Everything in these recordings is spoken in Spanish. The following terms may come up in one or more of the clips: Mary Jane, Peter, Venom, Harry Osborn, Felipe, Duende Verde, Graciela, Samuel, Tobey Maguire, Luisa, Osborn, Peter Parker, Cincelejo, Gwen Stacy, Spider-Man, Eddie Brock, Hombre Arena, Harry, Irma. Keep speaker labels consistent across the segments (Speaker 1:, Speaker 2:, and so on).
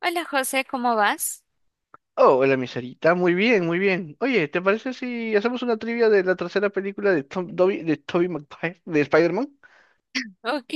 Speaker 1: Hola José, ¿cómo vas?
Speaker 2: Oh, hola, mi Sarita. Muy bien, muy bien. Oye, ¿te parece si hacemos una trivia de la tercera película de Tobey Maguire, de Spider-Man?
Speaker 1: Ok,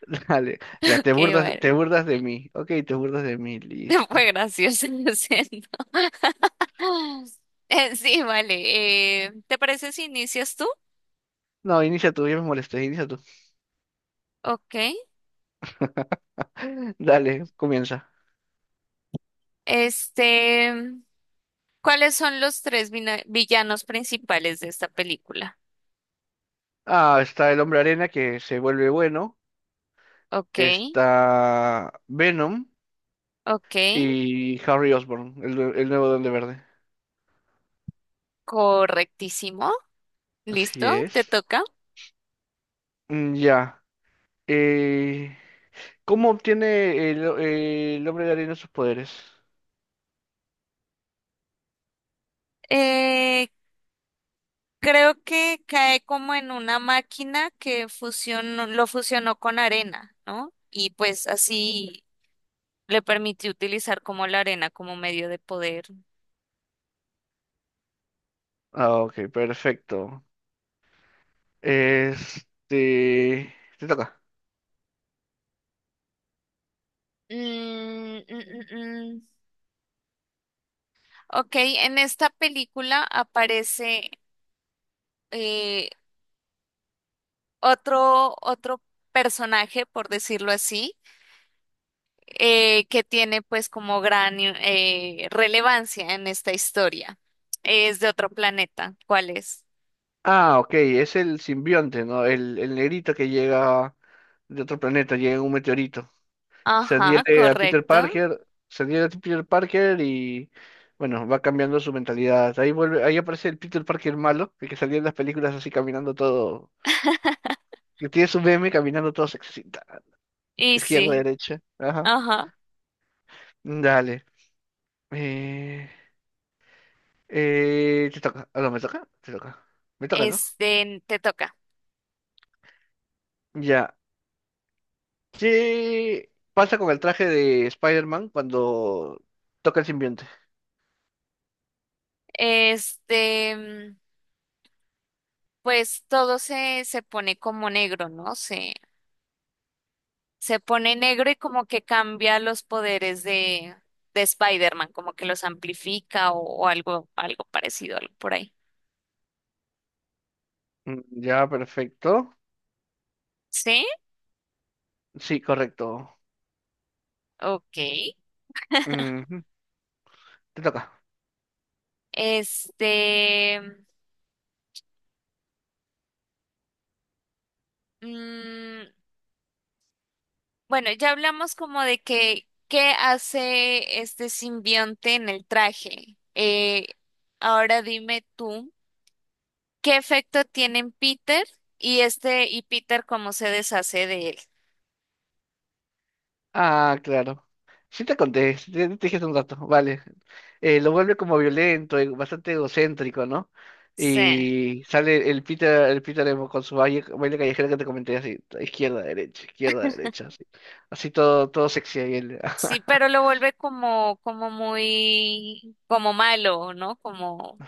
Speaker 2: Dale, ya
Speaker 1: ok, bueno.
Speaker 2: te burdas de mí. Ok, te burdas de mí,
Speaker 1: Fue
Speaker 2: listo.
Speaker 1: gracioso lo siento. Sí, vale. ¿Te parece si inicias tú?
Speaker 2: No, inicia tú, ya me molesté, inicia tú.
Speaker 1: Ok.
Speaker 2: Dale, comienza.
Speaker 1: Este, ¿Cuáles son los tres villanos principales de esta película?
Speaker 2: Ah, está el Hombre Arena que se vuelve bueno.
Speaker 1: Ok,
Speaker 2: Está Venom
Speaker 1: ok.
Speaker 2: y Harry Osborn, el nuevo Duende Verde.
Speaker 1: Correctísimo.
Speaker 2: Así
Speaker 1: Listo, te
Speaker 2: es.
Speaker 1: toca.
Speaker 2: Mm, ya. eh, ¿Cómo obtiene el hombre de arena sus poderes?
Speaker 1: Eh, Creo que cae como en una máquina que lo fusionó con arena, ¿no? Y pues así. Le permitió utilizar como la arena como medio de poder.
Speaker 2: Ah, ok, perfecto. Este... Te toca.
Speaker 1: Mm, mm, mm, mm. Ok, en esta película aparece eh, otro personaje, por decirlo así, que tiene pues como gran relevancia en esta historia. Es de otro planeta. ¿Cuál es?
Speaker 2: Ah, ok, es el simbionte, ¿no? El negrito que llega de otro planeta, llega en un meteorito. Se
Speaker 1: Ajá,
Speaker 2: adhiere a Peter
Speaker 1: correcto.
Speaker 2: Parker, se adhiere a Peter Parker y, bueno, va cambiando su mentalidad. Ahí vuelve, ahí aparece el Peter Parker malo, el que salía en las películas así caminando todo, que tiene su meme caminando todo sexy. Ta,
Speaker 1: Y
Speaker 2: izquierda,
Speaker 1: sí,
Speaker 2: derecha, ajá.
Speaker 1: ajá.
Speaker 2: Dale. Eh, te toca. Ah, no, me toca. Te toca. Me toca, ¿no?
Speaker 1: Te toca.
Speaker 2: Ya. ¿Qué pasa con el traje de Spider-Man cuando toca el simbionte?
Speaker 1: Este. mm, pues todo se pone como negro, ¿no? Se pone negro y como que cambia los poderes de Spider-Man, como que los amplifica o algo, algo parecido, algo por ahí.
Speaker 2: Mm, ya, perfecto.
Speaker 1: ¿Sí?
Speaker 2: Sí, correcto.
Speaker 1: Ok.
Speaker 2: Ujú, te toca.
Speaker 1: Este, mm, bueno, ya hablamos como de que qué hace este simbionte en el traje. Ahora dime tú, ¿qué efecto tiene en Peter y este y Peter cómo se deshace de él?
Speaker 2: Ah, claro. Sí te conté, te dije hace un rato, vale. Lo vuelve como violento, bastante egocéntrico, ¿no?
Speaker 1: Sí,
Speaker 2: Y sale el Peter emo con su baile, baile callejero que te comenté así, izquierda, derecha, así. Así todo, todo sexy ahí él.
Speaker 1: sí, pero lo vuelve como, como muy, como malo, ¿no? Como,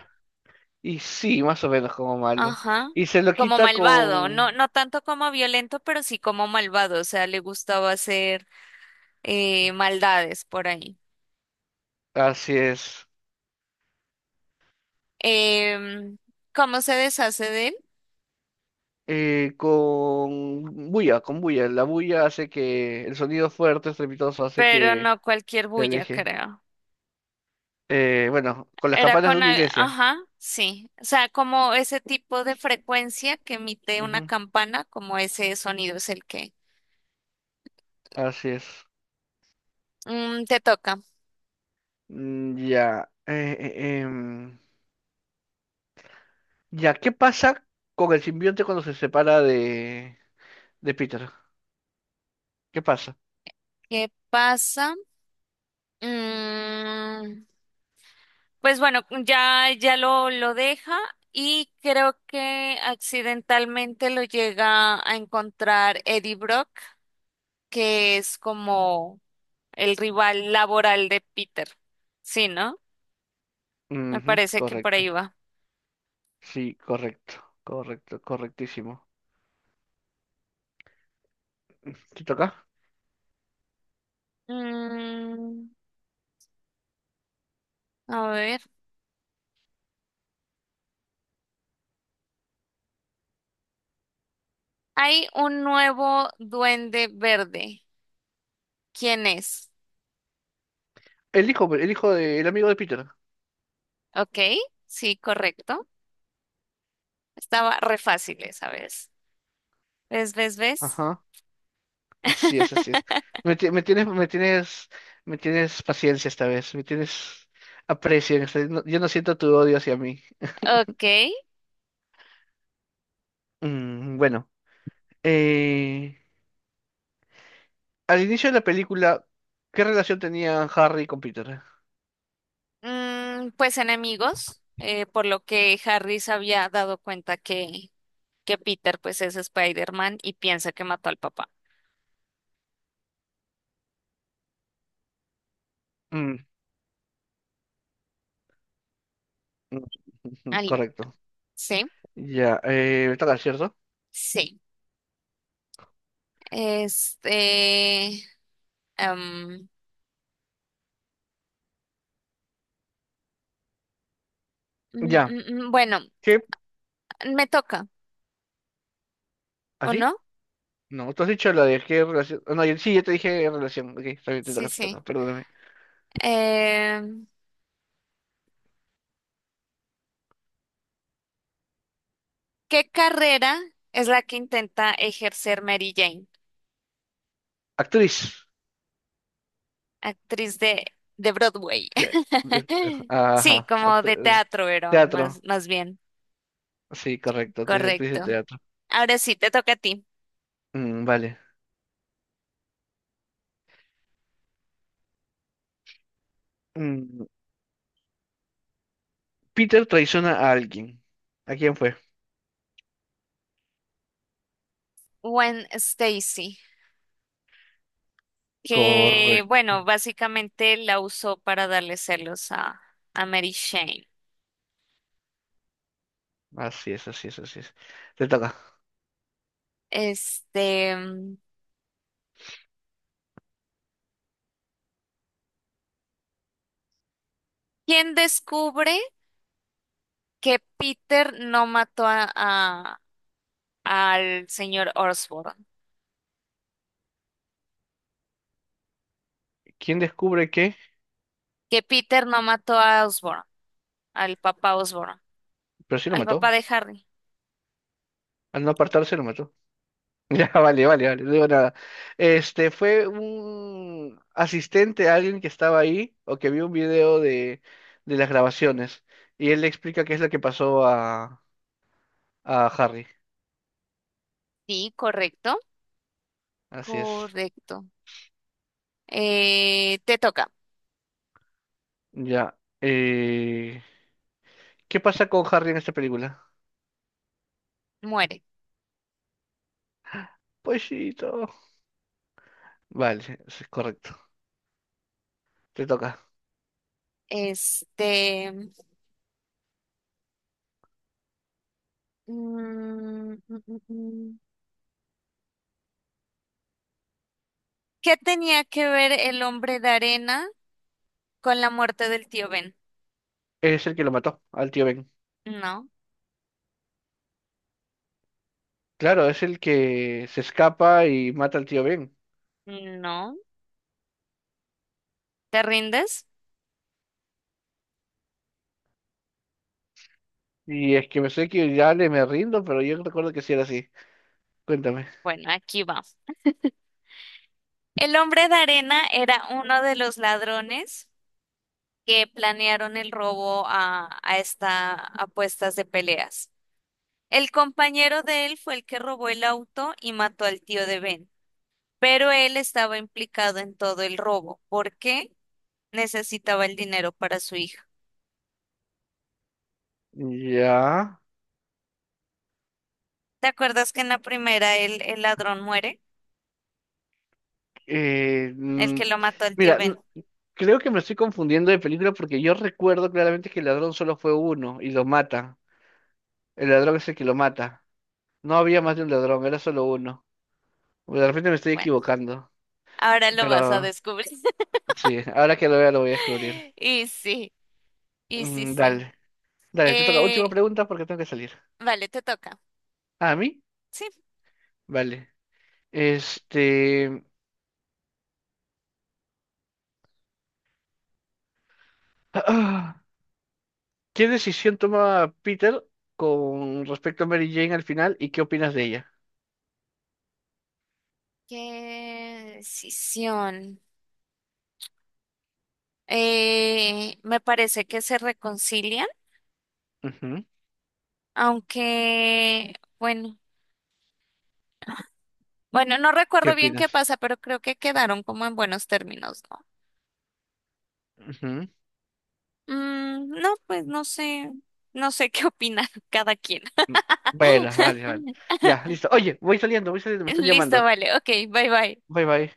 Speaker 2: Y sí, más o menos como malo.
Speaker 1: ajá,
Speaker 2: Y se lo
Speaker 1: como
Speaker 2: quita
Speaker 1: malvado, no,
Speaker 2: con...
Speaker 1: no tanto como violento, pero sí como malvado, o sea, le gustaba hacer maldades por ahí.
Speaker 2: Así es.
Speaker 1: Em, ¿Cómo se deshace de él?
Speaker 2: Con bulla, con bulla. La bulla hace que el sonido fuerte, estrepitoso, hace
Speaker 1: Pero
Speaker 2: que
Speaker 1: no cualquier
Speaker 2: se
Speaker 1: bulla,
Speaker 2: aleje.
Speaker 1: creo.
Speaker 2: Bueno, con las
Speaker 1: Era
Speaker 2: campanas de
Speaker 1: con,
Speaker 2: una iglesia.
Speaker 1: ajá, sí, o sea, como ese tipo de frecuencia que emite una
Speaker 2: Ujú,
Speaker 1: campana, como ese sonido es el que.
Speaker 2: así es.
Speaker 1: Mm, te toca.
Speaker 2: Mm, ya. Ya, ¿qué pasa con el simbionte cuando de Peter? ¿Qué pasa?
Speaker 1: ¿Qué pasa? Mm, pues bueno, ya lo deja y creo que accidentalmente lo llega a encontrar Eddie Brock, que es como el rival laboral de Peter. Sí, ¿no? Me
Speaker 2: Ujú,
Speaker 1: parece que por
Speaker 2: correcto.
Speaker 1: ahí va.
Speaker 2: Sí, correcto. Correcto, correctísimo. ¿Te toca?
Speaker 1: Mm, a ver. Hay un nuevo duende verde. ¿Quién es?
Speaker 2: El hijo del amigo de Peter.
Speaker 1: Ok, sí, correcto. Estaba re fácil esa vez. ¿Ves, ves, ves?
Speaker 2: Ajá, así es, así es. Me, ti- me tienes, me tienes, me tienes paciencia esta vez, me tienes aprecio en esta- no- yo no siento tu odio hacia mí.
Speaker 1: Ok.
Speaker 2: Mm, bueno, eh, al inicio de la película, ¿qué relación tenía Harry con Peter?
Speaker 1: Pues enemigos, por lo que Harry se había dado cuenta que Peter pues es Spider-Man y piensa que mató al papá.
Speaker 2: Mm, mm, ujú,
Speaker 1: Aló.
Speaker 2: correcto.
Speaker 1: Sí,
Speaker 2: Ya, me toca, ¿cierto?
Speaker 1: sí. Este, em,
Speaker 2: Ya,
Speaker 1: bueno,
Speaker 2: ¿qué?
Speaker 1: me toca, ¿o
Speaker 2: ¿Así?
Speaker 1: no?
Speaker 2: No, tú has dicho la de qué relación. No, sí, yo te dije relación. Ok, está bien,
Speaker 1: Sí,
Speaker 2: te
Speaker 1: sí.
Speaker 2: toca, perdóname.
Speaker 1: Em, ¿Qué carrera es la que intenta ejercer Mary Jane,
Speaker 2: Actriz.
Speaker 1: actriz de Broadway?
Speaker 2: Te-
Speaker 1: Sí,
Speaker 2: Ajá.
Speaker 1: como de teatro, pero más,
Speaker 2: Teatro.
Speaker 1: más bien.
Speaker 2: Sí, correcto. Actriz de
Speaker 1: Correcto.
Speaker 2: teatro.
Speaker 1: Ahora sí, te toca a ti.
Speaker 2: Mm, vale. Mm, Peter traiciona a alguien. ¿A quién fue?
Speaker 1: Gwen Stacy, que
Speaker 2: Correcto.
Speaker 1: bueno, básicamente la usó para darle celos a Mary Jane.
Speaker 2: Así es, así es, así es. Te toca.
Speaker 1: Este, mm, ¿Quién descubre que Peter no mató al señor Osborn?
Speaker 2: ¿Quién descubre qué?
Speaker 1: Que Peter no mató a Osborn,
Speaker 2: Pero sí lo
Speaker 1: al papá
Speaker 2: mató.
Speaker 1: de Harry.
Speaker 2: Al no apartarse lo mató. Ya, vale, vale, vale. No digo nada. Este fue un asistente, alguien que estaba ahí o que vio un video de las grabaciones. Y él le explica qué es lo que pasó a Harry.
Speaker 1: Sí, correcto,
Speaker 2: Así es.
Speaker 1: correcto. Te toca,
Speaker 2: Ya. ¿Qué pasa con Harry en esta película?
Speaker 1: muere.
Speaker 2: Poesito. Vale, eso es correcto. Te toca.
Speaker 1: Este. Mm, mm, mm, mm, mm. ¿Qué tenía que ver el hombre de arena con la muerte del tío Ben?
Speaker 2: Es el que lo mató al tío Ben.
Speaker 1: No,
Speaker 2: Claro, es el que se escapa y mata al tío Ben.
Speaker 1: no. ¿Te rindes?
Speaker 2: Y es que me sé que ya le me rindo, pero yo recuerdo que sí era así. Cuéntame.
Speaker 1: Bueno, aquí va. El hombre de arena era uno de los ladrones que planearon el robo a esta apuestas de peleas. El compañero de él fue el que robó el auto y mató al tío de Ben, pero él estaba implicado en todo el robo porque necesitaba el dinero para su hija.
Speaker 2: Ya.
Speaker 1: ¿Te acuerdas que en la primera el ladrón muere?
Speaker 2: eh,
Speaker 1: El
Speaker 2: mm,
Speaker 1: que lo mató el tío
Speaker 2: mira,
Speaker 1: Ben.
Speaker 2: creo que me estoy confundiendo de película porque yo recuerdo claramente que el ladrón solo fue uno y lo mata. El ladrón es el que lo mata. No había más de un ladrón, era solo uno. Pues, de repente me estoy
Speaker 1: Bueno,
Speaker 2: equivocando,
Speaker 1: ahora lo vas a
Speaker 2: pero
Speaker 1: descubrir.
Speaker 2: sí, ahora que lo vea lo voy a descubrir.
Speaker 1: Y sí, y sí,
Speaker 2: Mm,
Speaker 1: sí.
Speaker 2: dale, dale, te toca. Última
Speaker 1: Eh,
Speaker 2: pregunta porque tengo que salir.
Speaker 1: vale, te toca.
Speaker 2: ¿Ah, ¿a mí?
Speaker 1: Sí.
Speaker 2: Vale. Este... ¿Qué decisión toma Peter con respecto a Mary Jane al final y qué opinas de ella?
Speaker 1: ¿Qué decisión? Me parece que se reconcilian,
Speaker 2: Ujú,
Speaker 1: aunque, bueno, bueno, no
Speaker 2: ¿qué
Speaker 1: recuerdo bien qué
Speaker 2: opinas?
Speaker 1: pasa, pero creo que quedaron como en buenos términos, ¿no?
Speaker 2: Ujú.
Speaker 1: Mm, no, pues no sé, no sé qué opina cada quien.
Speaker 2: Mm, bueno, vale, vale. Ya, listo. Oye, voy saliendo, me están
Speaker 1: Listo,
Speaker 2: llamando.
Speaker 1: vale, ok, bye bye.
Speaker 2: Bye, bye.